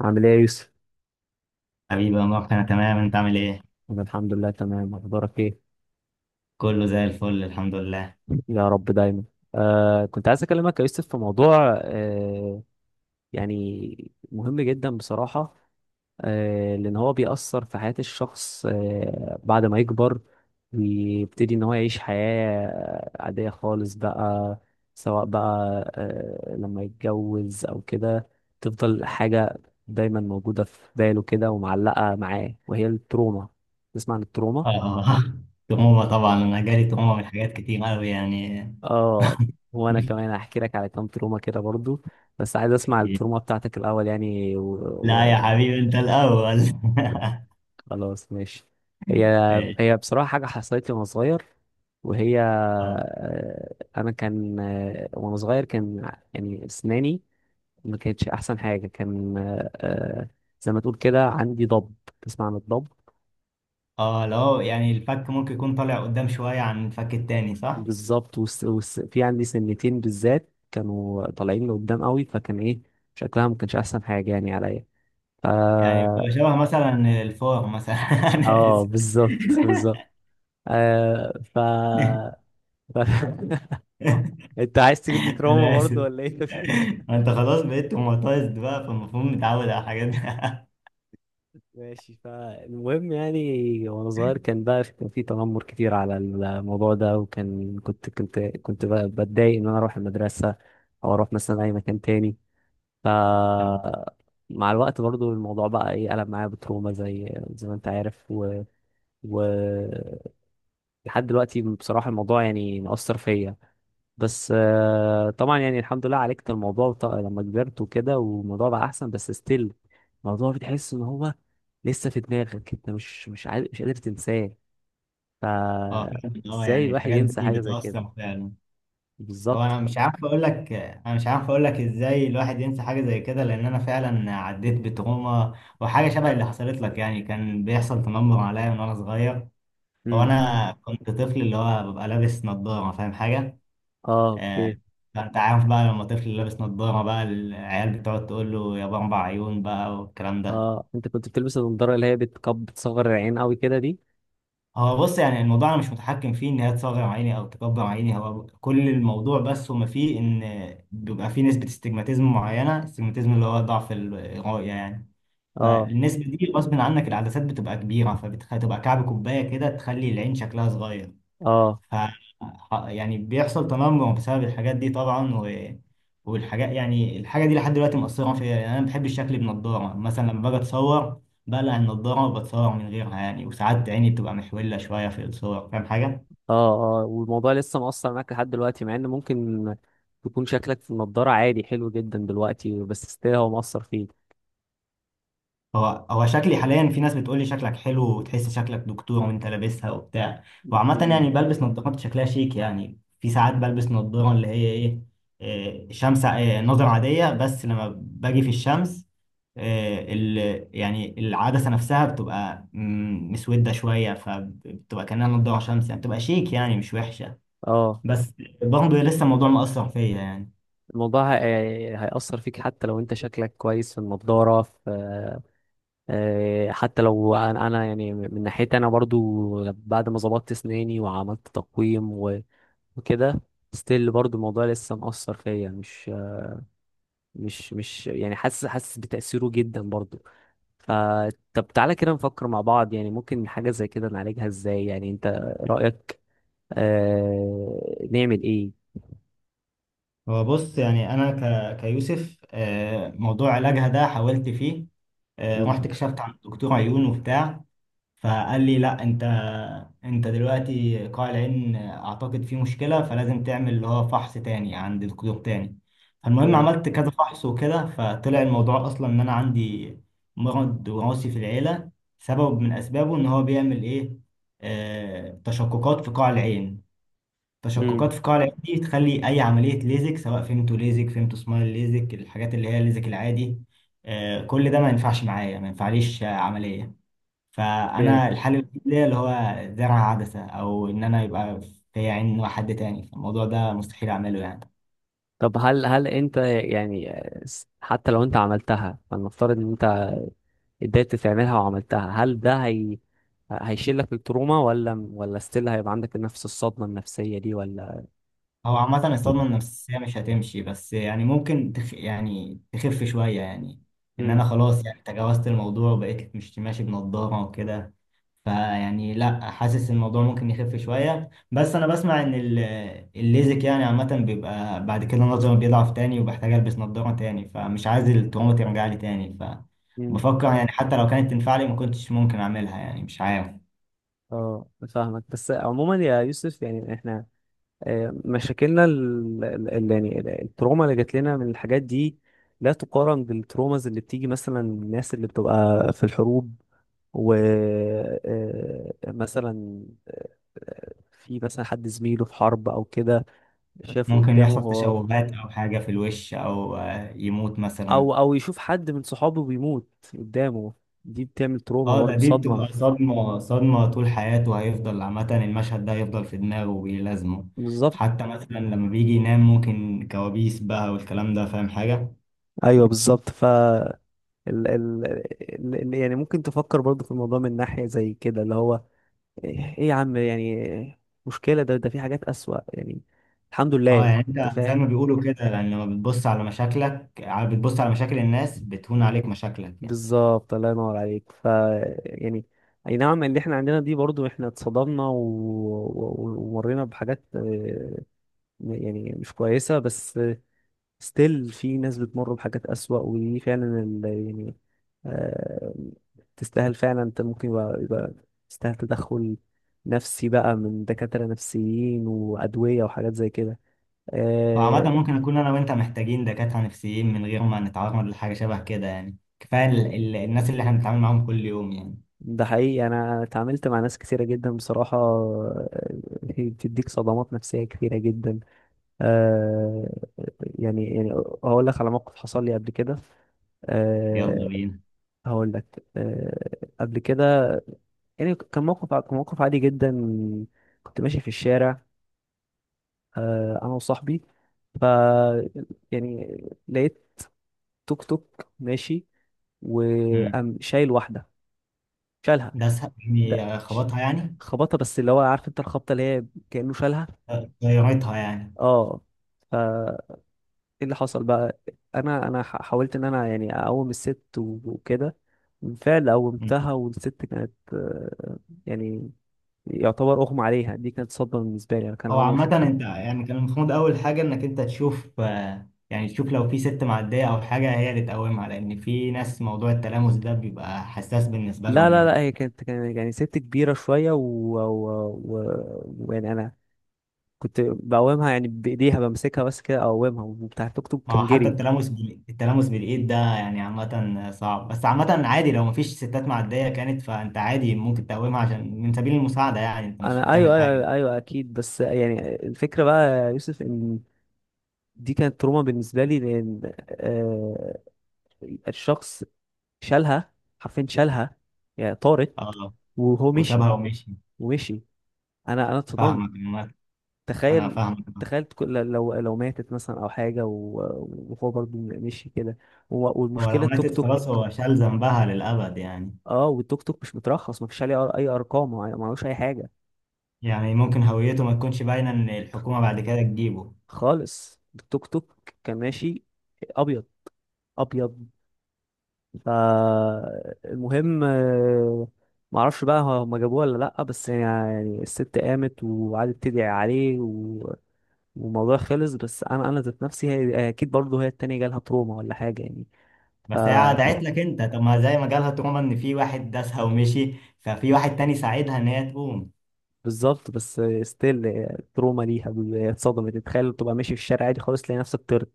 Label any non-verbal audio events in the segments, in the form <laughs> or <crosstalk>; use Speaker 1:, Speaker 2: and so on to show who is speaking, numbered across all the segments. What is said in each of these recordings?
Speaker 1: عامل ايه يا يوسف؟
Speaker 2: حبيبي يا مروان، انا تمام. انت عامل ايه؟
Speaker 1: أنا الحمد لله تمام، أخبارك ايه؟
Speaker 2: كله زي الفل، الحمد لله.
Speaker 1: يا رب دايما. كنت عايز أكلمك يا يوسف في موضوع يعني مهم جدا بصراحة. لأن هو بيأثر في حياة الشخص بعد ما يكبر، ويبتدي إن هو يعيش حياة عادية خالص بقى، سواء بقى لما يتجوز أو كده، تفضل حاجة دايما موجودة في باله كده ومعلقة معاه، وهي التروما. تسمع عن التروما؟
Speaker 2: اه. <laughs> تهمة طبعا، انا جالي تهمة من حاجات كتير قوي يعني.
Speaker 1: اه، وانا كمان هحكي لك على كام تروما كده برضو، بس عايز اسمع التروما
Speaker 2: <laughs>
Speaker 1: بتاعتك الاول يعني
Speaker 2: لا يا حبيبي، انت الاول.
Speaker 1: خلاص، ماشي. هي
Speaker 2: <laughs> إيش؟
Speaker 1: هي بصراحة حاجة حصلت لي وانا صغير، وهي
Speaker 2: اه،
Speaker 1: انا كان آه، وانا صغير كان يعني اسناني ما كانتش احسن حاجة، كان زي ما تقول كده عندي ضب. تسمع عن الضب؟
Speaker 2: اه، لو يعني الفك ممكن يكون طالع قدام شوية عن الفك التاني، صح؟
Speaker 1: بالظبط في عندي سنتين بالذات كانوا طالعين لقدام قوي، فكان ايه، شكلها ما كانش احسن حاجة يعني عليا. ف
Speaker 2: يعني بتبقى شبه مثلا الفور مثلا. <laughs> انا
Speaker 1: اه،
Speaker 2: اسف.
Speaker 1: بالظبط بالظبط. آه ف... ف...
Speaker 2: <laughs>
Speaker 1: <laughs> انت عايز تجيب لي تروما
Speaker 2: انا
Speaker 1: برضه
Speaker 2: اسف.
Speaker 1: ولا ايه؟ <laughs>
Speaker 2: ما انت خلاص بقيت توماتايزد بقى، فالمفروض متعود على الحاجات دي. <laughs>
Speaker 1: ماشي. فالمهم يعني وانا صغير كان بقى، كان في تنمر كتير على الموضوع ده، وكان كنت بقى بتضايق ان انا اروح المدرسه، او اروح مثلا اي مكان تاني. ف مع الوقت برضو الموضوع بقى ايه، قلب معايا بتروما زي ما انت عارف، و... لحد دلوقتي بصراحه الموضوع يعني مأثر فيا. بس طبعا يعني الحمد لله عالجت الموضوع لما كبرت وكده، والموضوع بقى احسن، بس ستيل الموضوع بتحس ان هو لسه في دماغك، انت مش قادر تنساه. ف
Speaker 2: اه فعلاً، اه
Speaker 1: ازاي
Speaker 2: يعني
Speaker 1: الواحد
Speaker 2: الحاجات
Speaker 1: ينسى
Speaker 2: دي
Speaker 1: حاجه زي كده؟
Speaker 2: بتأثر فعلا. هو
Speaker 1: بالظبط.
Speaker 2: انا مش عارف اقول لك انا مش عارف اقول لك ازاي الواحد ينسى حاجه زي كده، لان انا فعلا عديت بتروما، وحاجه شبه اللي حصلت لك. يعني كان بيحصل تنمر عليا من وانا صغير. هو
Speaker 1: امم
Speaker 2: انا كنت طفل اللي هو ببقى لابس نظاره، فاهم حاجه؟
Speaker 1: اه،
Speaker 2: آه،
Speaker 1: اوكي.
Speaker 2: فانت عارف بقى، لما طفل لابس نظاره بقى العيال بتقعد تقول له يا اربع عيون بقى والكلام ده.
Speaker 1: اه، انت كنت بتلبس النضاره اللي هي بتصغر العين قوي كده دي؟
Speaker 2: هو بص، يعني الموضوع انا مش متحكم فيه ان هي تصغر عيني او تكبر عيني. هو كل الموضوع بس هما فيه ان بيبقى فيه نسبة استجماتيزم معينة. استجماتيزم اللي هو ضعف الرؤية يعني.
Speaker 1: اه،
Speaker 2: فالنسبة دي غصب عنك العدسات بتبقى كبيرة، فبتبقى كعب كوباية كده تخلي العين شكلها صغير.
Speaker 1: اه،
Speaker 2: ف يعني بيحصل تنمر بسبب الحاجات دي طبعا. والحاجات، يعني الحاجة دي لحد دلوقتي مأثرة فيا. يعني أنا بحب الشكل بنضارة، مثلا لما باجي أتصور بقلع النضارة وبتصور من غيرها، يعني وساعات عيني بتبقى محولة شوية في الصور. فاهم حاجة؟
Speaker 1: اه، اه، والموضوع لسه مؤثر معاك لحد دلوقتي، مع ان ممكن تكون شكلك في النضاره عادي حلو جدا دلوقتي، بس ستيل هو مؤثر
Speaker 2: هو هو شكلي حاليا، في ناس بتقول لي شكلك حلو، وتحس شكلك دكتور وانت لابسها وبتاع. وعامة
Speaker 1: فيك.
Speaker 2: يعني بلبس نظارات شكلها شيك. يعني في ساعات بلبس نظارة اللي هي ايه، شمس، نظر عادية، بس لما باجي في الشمس إيه، ال يعني العدسة نفسها بتبقى مسودة شوية، فبتبقى كأنها نظارة شمس. يعني بتبقى شيك يعني مش وحشة.
Speaker 1: اه،
Speaker 2: بس برضه لسه الموضوع مأثر فيا يعني.
Speaker 1: الموضوع هيأثر فيك حتى لو انت شكلك كويس في النضارة، في حتى لو انا، يعني من ناحيتي انا برضو بعد ما ظبطت اسناني وعملت تقويم وكده، ستيل برضو الموضوع لسه مأثر فيا، مش يعني حاسس بتأثيره جدا برضو. فطب تعالى كده نفكر مع بعض، يعني ممكن حاجة زي كده نعالجها ازاي، يعني انت رأيك نعمل ايه؟
Speaker 2: هو بص، يعني انا كيوسف، موضوع علاجها ده حاولت فيه. رحت
Speaker 1: امم
Speaker 2: كشفت عند دكتور عيون وبتاع، فقال لي لا، انت دلوقتي قاع العين اعتقد فيه مشكله، فلازم تعمل اللي هو فحص تاني عند دكتور تاني. فالمهم عملت كذا فحص وكده، فطلع الموضوع اصلا ان انا عندي مرض وراثي في العيله. سبب من اسبابه ان هو بيعمل ايه، تشققات في قاع العين. تشققات في القاعدة دي تخلي أي عملية ليزك، سواء فيمتو ليزك فيمتو سمايل ليزك، الحاجات اللي هي الليزك العادي، كل ده ما ينفعش معايا، ما ينفعليش عملية.
Speaker 1: اوكي.
Speaker 2: فأنا الحل الوحيد ليا اللي هو زرع عدسة، أو إن أنا يبقى في عين حد تاني، فالموضوع ده مستحيل أعمله يعني.
Speaker 1: طب هل انت يعني حتى لو انت عملتها، فلنفترض ان انت قدرت تعملها وعملتها، هل ده هي هيشيل لك التروما، ولا ستيل هيبقى عندك نفس الصدمة النفسية دي ولا؟
Speaker 2: هو عامة الصدمة النفسية مش هتمشي، بس يعني ممكن تخ... يعني تخف شوية يعني. إن أنا
Speaker 1: امم
Speaker 2: خلاص، يعني تجاوزت الموضوع وبقيت مش ماشي بنضارة وكده. فيعني لأ، حاسس الموضوع ممكن يخف شوية. بس أنا بسمع إن الليزك يعني عامة بيبقى بعد كده نظري بيضعف تاني وبحتاج ألبس نضارة تاني، فمش عايز التروما ترجع لي تاني.
Speaker 1: امم
Speaker 2: فبفكر يعني حتى لو كانت تنفع لي، ما كنتش ممكن أعملها يعني. مش عارف.
Speaker 1: اه، فاهمك. بس عموما يا يوسف يعني احنا مشاكلنا، يعني التروما اللي جات لنا من الحاجات دي لا تقارن بالتروماز اللي بتيجي مثلا من الناس اللي بتبقى في الحروب. ومثلا في مثلا حد زميله في حرب او كده شافه
Speaker 2: ممكن
Speaker 1: قدامه
Speaker 2: يحصل
Speaker 1: هو،
Speaker 2: تشوهات أو حاجة في الوش، أو يموت مثلا.
Speaker 1: او يشوف حد من صحابه بيموت قدامه. دي بتعمل تروما
Speaker 2: اه،
Speaker 1: برضه،
Speaker 2: دي
Speaker 1: صدمة.
Speaker 2: بتبقى صدمة، صدمة طول حياته هيفضل. عامة المشهد ده هيفضل في دماغه وبيلازمه،
Speaker 1: بالظبط،
Speaker 2: حتى مثلا لما بيجي ينام ممكن كوابيس بقى والكلام ده. فاهم حاجة؟
Speaker 1: ايوه بالظبط. ف يعني ممكن تفكر برضه في الموضوع من ناحية زي كده، اللي هو ايه يا عم، يعني مشكلة ده في حاجات أسوأ يعني. الحمد
Speaker 2: اه
Speaker 1: لله
Speaker 2: يعني انت
Speaker 1: انت
Speaker 2: زي ما
Speaker 1: فاهم.
Speaker 2: بيقولوا كده، يعني لما بتبص على مشاكلك بتبص على مشاكل الناس بتهون عليك مشاكلك يعني.
Speaker 1: بالظبط، الله ينور عليك. ف يعني اي نعم، اللي احنا عندنا دي برضو احنا اتصدمنا ومرينا بحاجات يعني مش كويسة، بس ستيل في ناس بتمر بحاجات أسوأ، ودي فعلا يعني آه، تستاهل فعلا. انت ممكن يبقى, تستاهل تدخل نفسي بقى من دكاترة نفسيين وأدوية وحاجات زي كده
Speaker 2: وعامة
Speaker 1: آه،
Speaker 2: ممكن نكون انا وانت محتاجين دكاترة نفسيين من غير ما نتعرض لحاجة شبه كده. يعني كفاية الناس اللي احنا بنتعامل معاهم كل يوم يعني.
Speaker 1: ده حقيقي، انا اتعاملت مع ناس كتيره جدا بصراحه هي بتديك صدمات نفسيه كتيره جدا. آه. يعني يعني هقول لك على موقف حصل لي قبل كده.
Speaker 2: يلا
Speaker 1: آه،
Speaker 2: بينا.
Speaker 1: هقول لك قبل كده. يعني كان موقف، عادي جدا. كنت ماشي في الشارع، انا وصاحبي. ف يعني لقيت توك توك ماشي،
Speaker 2: مم.
Speaker 1: وقام شايل واحده. شالها.
Speaker 2: ده سهل،
Speaker 1: ده
Speaker 2: يعني خبطها يعني.
Speaker 1: خبطها، بس اللي هو عارف انت الخبطه اللي هي كانه شالها.
Speaker 2: غيرتها يعني.
Speaker 1: اه. ف ايه اللي حصل بقى، انا حاولت ان انا يعني اقوم الست وكده، بالفعل قومتها. والست كانت يعني يعتبر اغمى عليها. دي كانت صدمه بالنسبه لي، انا كان
Speaker 2: هو
Speaker 1: اول مره اشوف
Speaker 2: عامة
Speaker 1: حد.
Speaker 2: انت يعني كان المفروض أول حاجة إنك انت تشوف، يعني تشوف لو في ست معدية أو حاجة هي اللي تقومها، لأن في ناس موضوع التلامس ده بيبقى حساس بالنسبة
Speaker 1: لا
Speaker 2: لهم
Speaker 1: لا لا،
Speaker 2: يعني.
Speaker 1: هي كانت، يعني ست كبيره شويه و... ويعني انا كنت بقومها يعني بايديها، بمسكها بس كده اقومها، وبتاع التوك توك
Speaker 2: ما هو
Speaker 1: كان
Speaker 2: حتى
Speaker 1: جري.
Speaker 2: التلامس التلامس بالإيد ده يعني عامة صعب، بس عامة عادي لو مفيش ستات معدية كانت، فأنت عادي ممكن تقومها عشان من سبيل المساعدة، يعني انت مش
Speaker 1: انا
Speaker 2: بتعمل
Speaker 1: ايوه، ايوه،
Speaker 2: حاجة.
Speaker 1: ايوه, أيوة اكيد. بس يعني الفكره بقى يا يوسف ان دي كانت تروما بالنسبه لي، لان آه الشخص شالها، حرفيا شالها، يعني طارت.
Speaker 2: اه،
Speaker 1: وهو مشي.
Speaker 2: وسابها ومشي.
Speaker 1: ومشي. انا اتصدمت.
Speaker 2: فاهمك عامة. أنا
Speaker 1: تخيل،
Speaker 2: فاهمك.
Speaker 1: لو ماتت مثلا او حاجه وهو برضو مشي كده،
Speaker 2: هو
Speaker 1: والمشكله
Speaker 2: لو
Speaker 1: التوك
Speaker 2: ماتت خلاص
Speaker 1: توك.
Speaker 2: هو شال ذنبها للأبد يعني.
Speaker 1: اه، والتوك توك مش مترخص، مفيش عليه اي ارقام، ما معلوش اي حاجه
Speaker 2: يعني ممكن هويته ما تكونش باينه ان الحكومه بعد كده تجيبه.
Speaker 1: خالص. التوك توك كان ماشي ابيض، ابيض فالمهم معرفش بقى هما جابوه ولا لأ. بس يعني، يعني الست قامت وقعدت تدعي عليه والموضوع خلص. بس أنا، ذات نفسي، هي أكيد برضه هي التانية جالها تروما ولا حاجة يعني. ف
Speaker 2: بس هي دعت لك انت. طب ما زي ما جالها تروما ان في واحد داسها ومشي، ففي واحد تاني ساعدها ان هي تقوم.
Speaker 1: بالظبط. بس ستيل التروما ليها، هي اتصدمت. تتخيل تبقى ماشي في الشارع عادي خالص تلاقي نفسك طرت؟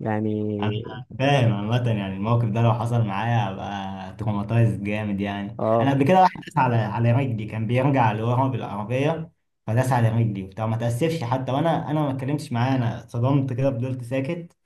Speaker 1: يعني.
Speaker 2: انا فاهم عامه. يعني الموقف ده لو حصل معايا هبقى تروماتايز جامد يعني. انا
Speaker 1: اه.
Speaker 2: قبل كده واحد داس على رجلي، كان بيرجع لورا بالعربيه، فداس على رجلي وبتاع ما تاسفش حتى، وانا ما اتكلمتش معاه. انا اتصدمت كده فضلت ساكت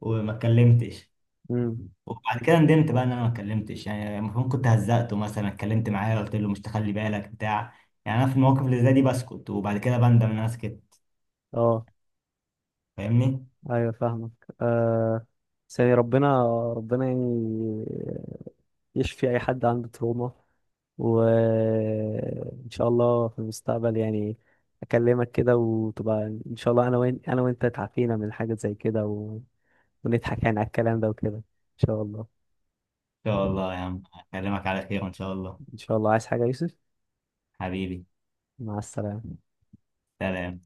Speaker 2: وما اتكلمتش.
Speaker 1: امم
Speaker 2: وبعد كده ندمت بقى ان انا ما اتكلمتش. يعني المفروض كنت هزقته، مثلا اتكلمت معاه قلت له مش تخلي بالك بتاع يعني انا في المواقف اللي زي دي بسكت، وبعد كده بندم ان انا اسكت.
Speaker 1: اه،
Speaker 2: فاهمني. ان
Speaker 1: ايوه فاهمك. آه بس يعني ربنا، يعني يشفي اي حد عنده تروما. وان شاء الله في المستقبل يعني اكلمك كده وتبقى، ان شاء الله انا، وين انا وانت اتعافينا من حاجة زي كده ونضحك يعني على الكلام ده وكده. ان شاء الله،
Speaker 2: شاء الله يا عم، اكلمك على خير ان شاء الله.
Speaker 1: ان شاء الله. عايز حاجة يا يوسف؟
Speaker 2: حبيبي.
Speaker 1: مع السلامة.
Speaker 2: سلام.